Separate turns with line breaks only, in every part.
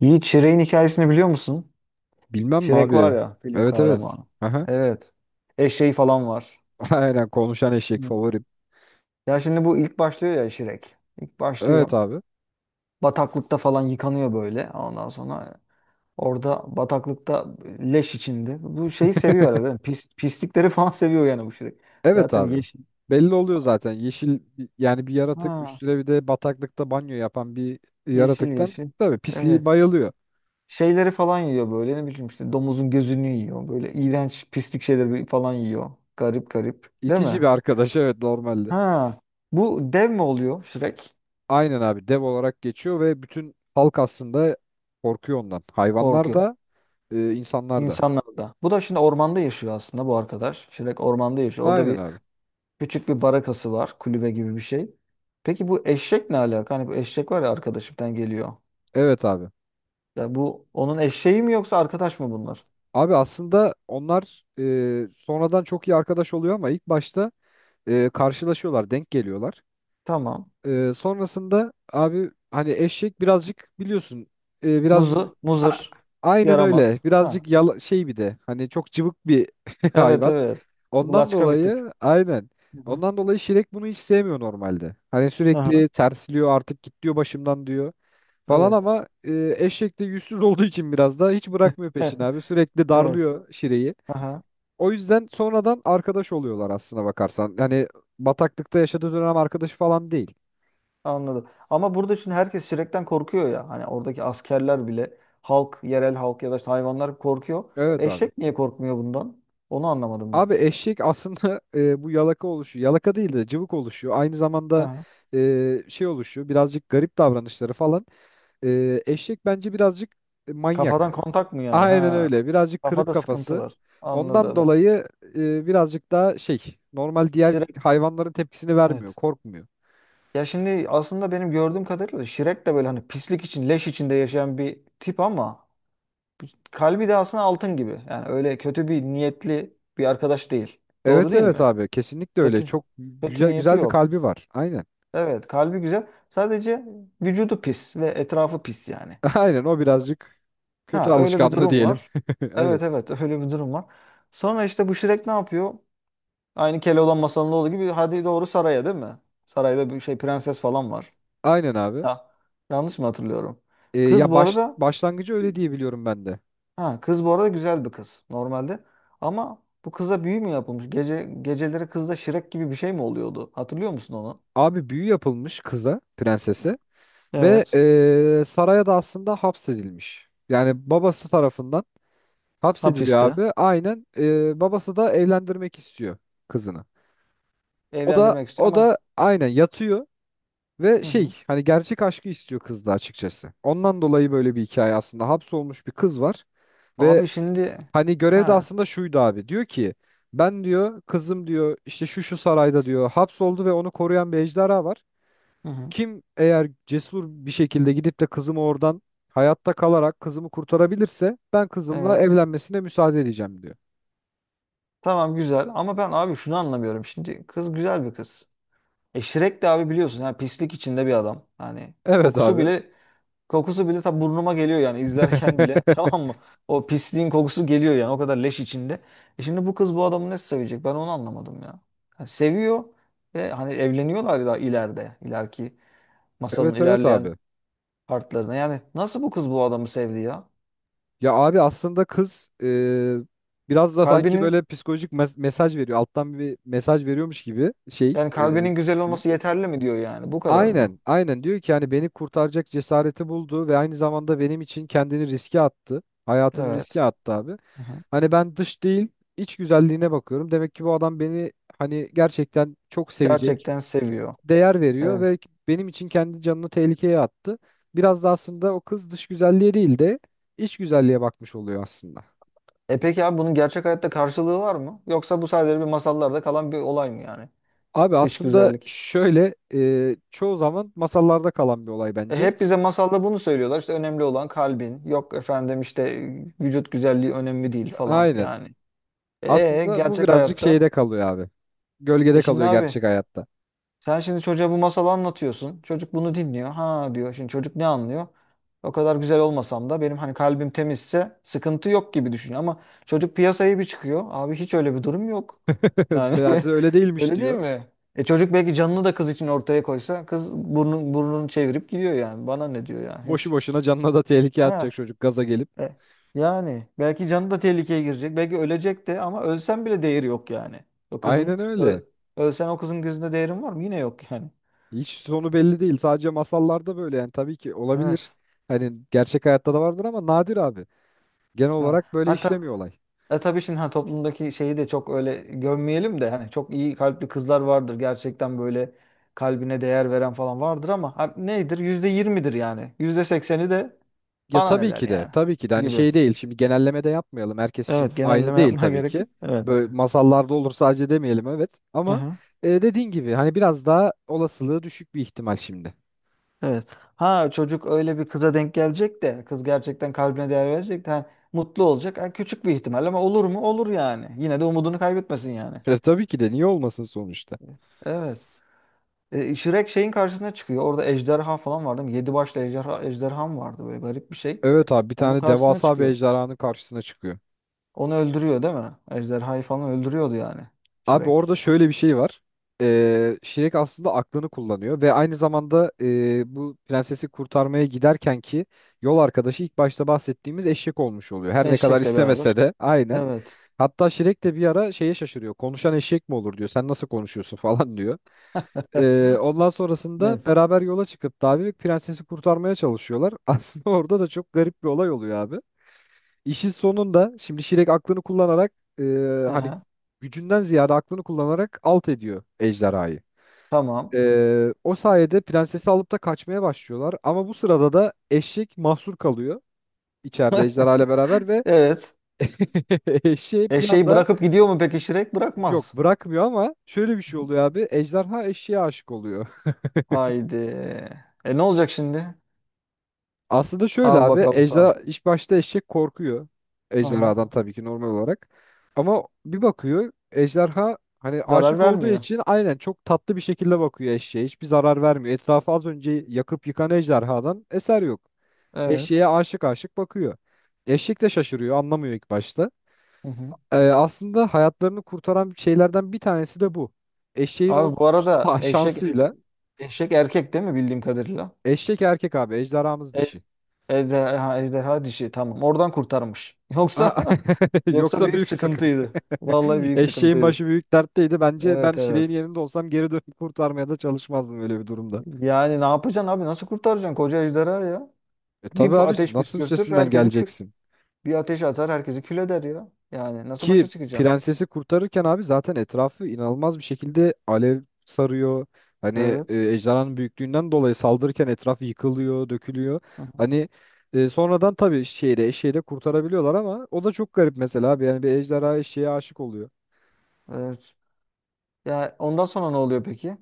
Yiğit Şirek'in hikayesini biliyor musun?
Bilmem mi
Şirek var
abi?
ya film
Evet, evet.
kahramanı.
Aha.
Evet. Eşeği falan var.
Aynen, konuşan eşek
Hmm.
favorim.
Ya şimdi bu ilk başlıyor ya Şirek. İlk
Evet
başlıyor.
abi.
Bataklıkta falan yıkanıyor böyle. Ondan sonra orada bataklıkta leş içinde. Bu şeyi seviyor arada. Pislikleri falan seviyor yani bu Şirek.
Evet
Zaten
abi.
yeşil.
Belli oluyor zaten. Yeşil yani bir yaratık,
Ha,
üstüne bir de bataklıkta banyo yapan bir
yeşil
yaratıktan
yeşil.
tabii pisliği
Evet.
bayılıyor.
Şeyleri falan yiyor böyle. Ne bileyim işte domuzun gözünü yiyor. Böyle iğrenç pislik şeyleri falan yiyor. Garip garip. Değil
İtici bir
mi?
arkadaş, evet, normalde.
Ha, bu dev mi oluyor Shrek?
Aynen abi, dev olarak geçiyor ve bütün halk aslında korkuyor ondan. Hayvanlar
Korkuyor
da insanlar da.
insanlarda. Bu da şimdi ormanda yaşıyor aslında bu arkadaş. Shrek ormanda yaşıyor. Orada
Aynen
bir
abi.
küçük bir barakası var, kulübe gibi bir şey. Peki bu eşek ne alaka? Hani bu eşek var ya arkadaşımdan geliyor.
Evet abi.
Ya bu onun eşeği mi yoksa arkadaş mı bunlar?
Abi aslında onlar sonradan çok iyi arkadaş oluyor, ama ilk başta karşılaşıyorlar, denk geliyorlar.
Tamam.
Sonrasında abi, hani eşek birazcık biliyorsun biraz
Muzu,
a-
muzır,
aynen öyle.
yaramaz. Ha.
Birazcık yala, şey, bir de hani çok cıvık bir
Evet,
hayvan.
evet.
Ondan
Laçka bir tip.
dolayı aynen.
Hı hı.
Ondan dolayı Şirek bunu hiç sevmiyor normalde. Hani
Aha,
sürekli tersliyor, artık git diyor başımdan diyor falan,
evet.
ama eşek de yüzsüz olduğu için biraz da hiç bırakmıyor peşini abi. Sürekli
Evet.
darlıyor Şire'yi.
Aha.
O yüzden sonradan arkadaş oluyorlar aslına bakarsan. Yani bataklıkta yaşadığı dönem arkadaşı falan değil.
Anladım. Ama burada şimdi herkes şirekten korkuyor ya. Hani oradaki askerler bile yerel halk ya da işte hayvanlar korkuyor.
Evet abi.
Eşek niye korkmuyor bundan? Onu anlamadım ben.
Abi eşek aslında bu yalaka oluşuyor. Yalaka değil de cıvık oluşuyor. Aynı zamanda
Ha.
şey oluşuyor, birazcık garip davranışları falan. Eşek bence birazcık
Kafadan
manyak.
kontak mı yani?
Aynen
Ha.
öyle, birazcık kırık
Kafada sıkıntı
kafası.
var.
Ondan
Anladım.
dolayı birazcık daha şey, normal diğer
Şirek.
hayvanların tepkisini vermiyor,
Evet.
korkmuyor.
Ya şimdi aslında benim gördüğüm kadarıyla şirek de böyle hani pislik için, leş içinde yaşayan bir tip ama kalbi de aslında altın gibi. Yani öyle kötü bir niyetli bir arkadaş değil. Doğru
Evet,
değil
evet
mi?
abi, kesinlikle öyle.
Kötü.
Çok
Kötü
güzel
niyeti
güzel bir
yok.
kalbi var. Aynen.
Evet, kalbi güzel. Sadece vücudu pis ve etrafı pis yani.
Aynen, o birazcık kötü
Ha, öyle bir
alışkanlığı
durum
diyelim.
var. Evet,
Evet.
evet, öyle bir durum var. Sonra işte bu Shrek ne yapıyor? Aynı Keloğlan masalında olduğu gibi hadi doğru saraya, değil mi? Sarayda bir şey, prenses falan var.
Aynen abi.
Ya, yanlış mı hatırlıyorum?
Ee,
Kız
ya
bu
baş,
arada
başlangıcı öyle diye biliyorum ben de.
ha kız bu arada güzel bir kız normalde. Ama bu kıza büyü mü yapılmış? Geceleri kızda Shrek gibi bir şey mi oluyordu? Hatırlıyor musun onu?
Abi, büyü yapılmış kıza, prensese ve
Evet.
saraya da aslında hapsedilmiş. Yani babası tarafından hapsediliyor
Hapiste.
abi. Aynen babası da evlendirmek istiyor kızını. O da
Evlendirmek istiyor
o
ama.
da aynen yatıyor ve
Hı
şey,
hı.
hani gerçek aşkı istiyor kızda açıkçası. Ondan dolayı böyle bir hikaye aslında. Hapsolmuş bir kız var ve
Abi şimdi.
hani görev de
Ha,
aslında şuydu abi. Diyor ki, ben diyor kızım diyor işte şu şu sarayda diyor hapsoldu ve onu koruyan bir ejderha var.
hı hı,
Kim eğer cesur bir şekilde gidip de kızımı oradan hayatta kalarak kızımı kurtarabilirse, ben kızımla
evet.
evlenmesine müsaade edeceğim diyor.
Tamam güzel ama ben abi şunu anlamıyorum. Şimdi kız güzel bir kız. E Shrek de abi biliyorsun yani pislik içinde bir adam. Yani
Evet
kokusu
abi.
bile kokusu bile ta burnuma geliyor yani izlerken bile. Tamam mı? O pisliğin kokusu geliyor yani o kadar leş içinde. E şimdi bu kız bu adamı nasıl sevecek? Ben onu anlamadım ya. Yani seviyor ve hani evleniyorlar da ileriki masalın
Evet, evet
ilerleyen
abi.
partlarına. Yani nasıl bu kız bu adamı sevdi ya?
Ya abi, aslında kız biraz da sanki
Kalbinin
böyle psikolojik mesaj veriyor. Alttan bir mesaj veriyormuş gibi şey
Yani kalbinin güzel
film.
olması yeterli mi diyor yani? Bu kadar mı?
Aynen, aynen diyor ki, hani beni kurtaracak cesareti buldu ve aynı zamanda benim için kendini riske attı. Hayatını riske
Evet.
attı abi.
Aha.
Hani ben dış değil, iç güzelliğine bakıyorum. Demek ki bu adam beni hani gerçekten çok sevecek,
Gerçekten seviyor.
değer veriyor
Evet.
ve benim için kendi canını tehlikeye attı. Biraz da aslında o kız dış güzelliğe değil de iç güzelliğe bakmış oluyor aslında.
E peki abi bunun gerçek hayatta karşılığı var mı? Yoksa bu sadece bir masallarda kalan bir olay mı yani?
Abi
Dış
aslında
güzellik.
şöyle, çoğu zaman masallarda kalan bir olay
E
bence.
hep bize masalda bunu söylüyorlar. İşte önemli olan kalbin. Yok efendim, işte vücut güzelliği önemli değil falan
Aynen.
yani. E
Aslında bu
gerçek
birazcık
hayatta.
şeyde kalıyor abi.
E
Gölgede
şimdi
kalıyor
abi
gerçek hayatta.
Sen şimdi çocuğa bu masalı anlatıyorsun. Çocuk bunu dinliyor. Ha diyor. Şimdi çocuk ne anlıyor? O kadar güzel olmasam da benim hani kalbim temizse sıkıntı yok gibi düşünüyor. Ama çocuk piyasaya bir çıkıyor. Abi hiç öyle bir durum yok. Yani
Meğerse öyle değilmiş
öyle değil
diyor.
mi? E çocuk belki canını da kız için ortaya koysa kız burnunu çevirip gidiyor yani. Bana ne diyor yani,
Boşu
hiç.
boşuna canına da tehlikeye
Ha,
atacak çocuk, gaza gelip.
e, yani belki canı da tehlikeye girecek. Belki ölecek de ama ölsen bile değeri yok yani. O
Aynen
kızın
öyle.
ö- Ölsen o kızın gözünde değerin var mı? Yine yok yani.
Hiç sonu belli değil. Sadece masallarda böyle yani, tabii ki olabilir.
Evet.
Hani gerçek hayatta da vardır ama nadir abi. Genel
Ha.
olarak böyle
Hatta
işlemiyor olay.
tabii şimdi, ha, toplumdaki şeyi de çok öyle gömmeyelim de hani çok iyi kalpli kızlar vardır gerçekten, böyle kalbine değer veren falan vardır ama ha, nedir, %20'dir yani, %80'i de
Ya,
bana ne
tabii
der
ki de
yani
tabii ki de hani
gibi.
şey değil. Şimdi genelleme de yapmayalım. Herkes için
Evet,
aynı
genelleme
değil
yapmaya
tabii
gerek
ki.
yok. Evet.
Böyle masallarda olur sadece demeyelim, evet. Ama
Aha,
dediğin gibi hani biraz daha olasılığı düşük bir ihtimal şimdi.
evet. Ha, çocuk öyle bir kıza denk gelecek de kız gerçekten kalbine değer verecek de ha, mutlu olacak. Ha, küçük bir ihtimal ama olur mu? Olur yani. Yine de umudunu kaybetmesin yani.
E, tabii ki de niye olmasın sonuçta.
Evet. Shrek şeyin karşısına çıkıyor. Orada ejderha falan vardı. Değil Yedi başlı ejderha mı vardı? Böyle garip bir şey.
Evet abi, bir
Onun
tane
karşısına
devasa bir
çıkıyor.
ejderhanın karşısına çıkıyor.
Onu öldürüyor değil mi? Ejderhayı falan öldürüyordu yani.
Abi,
Shrek.
orada şöyle bir şey var. Shrek aslında aklını kullanıyor ve aynı zamanda bu prensesi kurtarmaya giderken ki yol arkadaşı, ilk başta bahsettiğimiz eşek olmuş oluyor. Her ne kadar
Eşekle beraber.
istemese de, aynen.
Evet.
Hatta Şirek de bir ara şeye şaşırıyor. Konuşan eşek mi olur diyor. Sen nasıl konuşuyorsun falan diyor. Ee, ondan sonrasında
Evet.
beraber yola çıkıp da abi prensesi kurtarmaya çalışıyorlar. Aslında orada da çok garip bir olay oluyor abi. İşin sonunda şimdi Şirek aklını kullanarak e, hani
Aha,
gücünden ziyade aklını kullanarak alt ediyor ejderhayı.
tamam.
E, o sayede prensesi alıp da kaçmaya başlıyorlar. Ama bu sırada da eşek mahsur kalıyor içeride ejderha ile beraber ve
Evet.
eşeği bir
Eşeği
anda
bırakıp gidiyor mu peki Shrek?
yok,
Bırakmaz.
bırakmıyor ama şöyle bir şey oluyor abi. Ejderha eşeğe aşık oluyor.
Haydi. E ne olacak şimdi?
Aslında şöyle
Al
abi,
bakalım sana.
ejderha ilk başta, eşek korkuyor.
Aha.
Ejderhadan tabii ki, normal olarak. Ama bir bakıyor, ejderha hani
Zarar
aşık olduğu
vermiyor.
için aynen çok tatlı bir şekilde bakıyor eşeğe. Hiçbir zarar vermiyor. Etrafı az önce yakıp yıkan ejderhadan eser yok. Eşeğe
Evet.
aşık aşık bakıyor. Eşek de şaşırıyor, anlamıyor ilk başta.
Hı hı.
Aslında hayatlarını kurtaran şeylerden bir tanesi de bu. Eşeğin
Abi
o
bu arada eşek er-,
şansıyla,
eşek erkek değil mi bildiğim kadarıyla?
eşek erkek abi, ejderhamız dişi.
Ejderha dişi, tamam. Oradan kurtarmış. Yoksa,
Yoksa
büyük
büyük sıkıntı.
sıkıntıydı. Vallahi büyük
Eşeğin
sıkıntıydı.
başı büyük dertteydi. Bence ben
Evet,
Şire'nin
evet.
yerinde olsam geri dönüp kurtarmaya da çalışmazdım öyle bir durumda.
Yani ne yapacaksın abi? Nasıl kurtaracaksın koca ejderha ya?
E tabii
Bir
abi,
ateş
nasıl
püskürtür,
üstesinden
herkesi kü
geleceksin?
bir ateş atar, herkesi kül eder ya. Yani nasıl
Ki
başa çıkacaksın?
prensesi kurtarırken abi zaten etrafı inanılmaz bir şekilde alev sarıyor. Hani
Evet.
ejderhanın büyüklüğünden dolayı saldırırken etraf yıkılıyor, dökülüyor.
Hı hı.
Hani sonradan tabii şeyde eşeği de kurtarabiliyorlar, ama o da çok garip mesela abi. Yani bir ejderha eşeğe aşık oluyor.
Evet. Ya ondan sonra ne oluyor peki?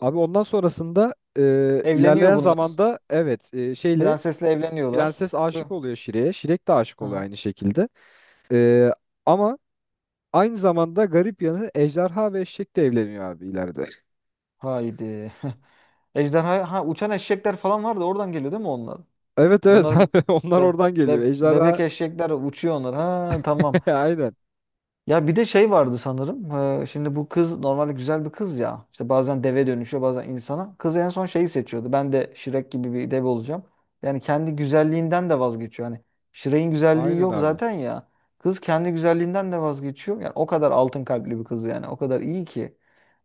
Abi, ondan sonrasında
Evleniyor
ilerleyen
bunlar.
zamanda, evet, şeyle
Prensesle evleniyorlar.
prenses aşık
Hı.
oluyor Şire'ye. Şirek de aşık
Hı
oluyor
hı.
aynı şekilde. Ee, ama aynı zamanda garip yanı, ejderha ve eşek de evleniyor abi ileride.
Haydi. Ejderha, ha, uçan eşekler falan vardı. Oradan geliyor değil mi onlar?
Evet, evet
Onların
abi, onlar
be,
oradan geliyor.
bebek
Ejderha
eşekler uçuyor onlar. Ha, tamam.
aynen.
Ya bir de şey vardı sanırım. Şimdi bu kız normalde güzel bir kız ya. İşte bazen deve dönüşüyor, bazen insana. Kız en son şeyi seçiyordu. Ben de Shrek gibi bir deve olacağım. Yani kendi güzelliğinden de vazgeçiyor. Hani Shrek'in güzelliği
Aynen
yok
abi.
zaten ya. Kız kendi güzelliğinden de vazgeçiyor. Yani o kadar altın kalpli bir kız yani. O kadar iyi ki.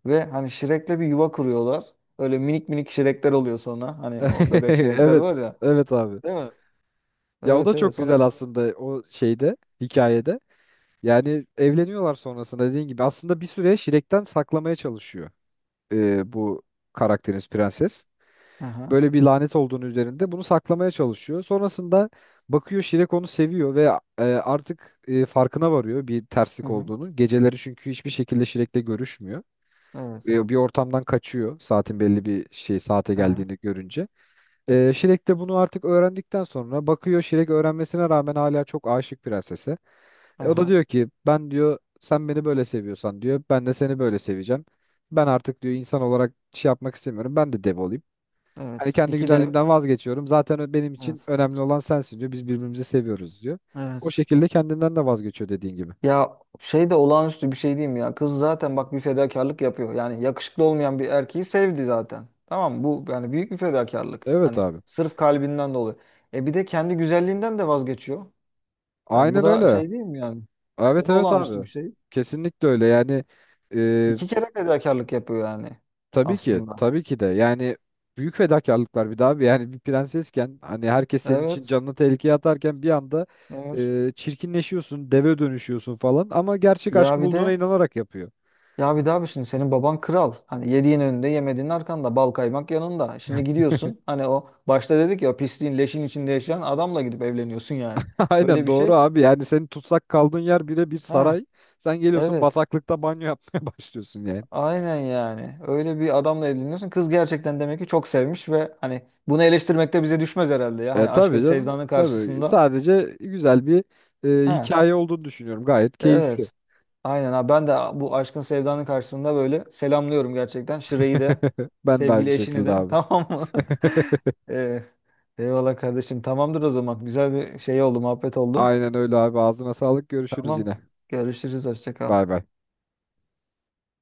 Ve hani Shrek'le bir yuva kuruyorlar. Öyle minik minik Shrek'ler oluyor sonra. Hani o bebek Shrek'ler
Evet.
var ya.
Evet abi.
Değil mi?
Ya o da
Evet, evet.
çok
Sonra.
güzel aslında, o şeyde, hikayede. Yani evleniyorlar sonrasında, dediğin gibi. Aslında bir süre Şirek'ten saklamaya çalışıyor bu karakterimiz, prenses.
Aha.
Böyle bir lanet olduğunu üzerinde, bunu saklamaya çalışıyor. Sonrasında bakıyor Şirek onu seviyor ve artık farkına varıyor bir
Hı
terslik
hı.
olduğunu. Geceleri çünkü hiçbir şekilde Şirek'le görüşmüyor.
Evet.
Bir ortamdan kaçıyor saatin belli bir şey saate
Aha.
geldiğini görünce. Şirek de bunu artık öğrendikten sonra bakıyor, Şirek öğrenmesine rağmen hala çok aşık prensese. O da
Aha.
diyor ki, ben diyor sen beni böyle seviyorsan diyor, ben de seni böyle seveceğim. Ben artık diyor insan olarak şey yapmak istemiyorum. Ben de dev olayım. Hani
Evet.
kendi
İki de
güzelliğimden vazgeçiyorum. Zaten benim için
evet.
önemli olan sensin diyor. Biz birbirimizi seviyoruz diyor. O
Evet.
şekilde kendinden de vazgeçiyor, dediğin gibi.
Ya şey de olağanüstü bir şey diyeyim ya. Kız zaten bak bir fedakarlık yapıyor. Yani yakışıklı olmayan bir erkeği sevdi zaten. Tamam mı? Bu yani büyük bir fedakarlık.
Evet
Hani
abi.
sırf kalbinden dolayı. Bir de kendi güzelliğinden de vazgeçiyor. Yani bu
Aynen
da
öyle.
şey değil mi yani? Bu
Evet,
da
evet
olağanüstü bir
abi.
şey.
Kesinlikle öyle. Yani e,
İki kere fedakarlık yapıyor yani
tabii ki
aslında.
tabii ki de yani, büyük fedakarlıklar bir daha abi. Yani bir prensesken hani herkes senin için
Evet.
canını tehlikeye atarken bir anda
Evet.
çirkinleşiyorsun, deve dönüşüyorsun falan, ama gerçek
Ya
aşkı
bir
bulduğuna
de
inanarak yapıyor.
Ya bir daha bir şimdi senin baban kral. Hani yediğin önünde yemediğin arkanda, bal kaymak yanında. Şimdi gidiyorsun hani o başta dedik ya, o pisliğin leşin içinde yaşayan adamla gidip evleniyorsun yani. Öyle
Aynen
bir şey.
doğru abi. Yani senin tutsak kaldığın yer bile bir
Ha,
saray. Sen geliyorsun
evet,
bataklıkta banyo yapmaya başlıyorsun yani.
aynen, yani öyle bir adamla evleniyorsun. Kız gerçekten demek ki çok sevmiş ve hani bunu eleştirmek de bize düşmez herhalde ya.
E
Hani
tabii
aşkın
canım.
sevdanın
Tabii.
karşısında.
Sadece güzel bir
Ha,
hikaye olduğunu düşünüyorum. Gayet keyifli.
evet. Aynen abi, ben de bu aşkın sevdanın karşısında böyle selamlıyorum gerçekten. Şire'yi de
Ben de aynı
sevgili eşini
şekilde
de
abi.
tamam mı? Ee, Eyvallah kardeşim, tamamdır o zaman. Güzel bir şey oldu, muhabbet oldu.
Aynen öyle abi. Ağzına sağlık. Görüşürüz
Tamam,
yine.
görüşürüz, hoşça kal.
Bay bay.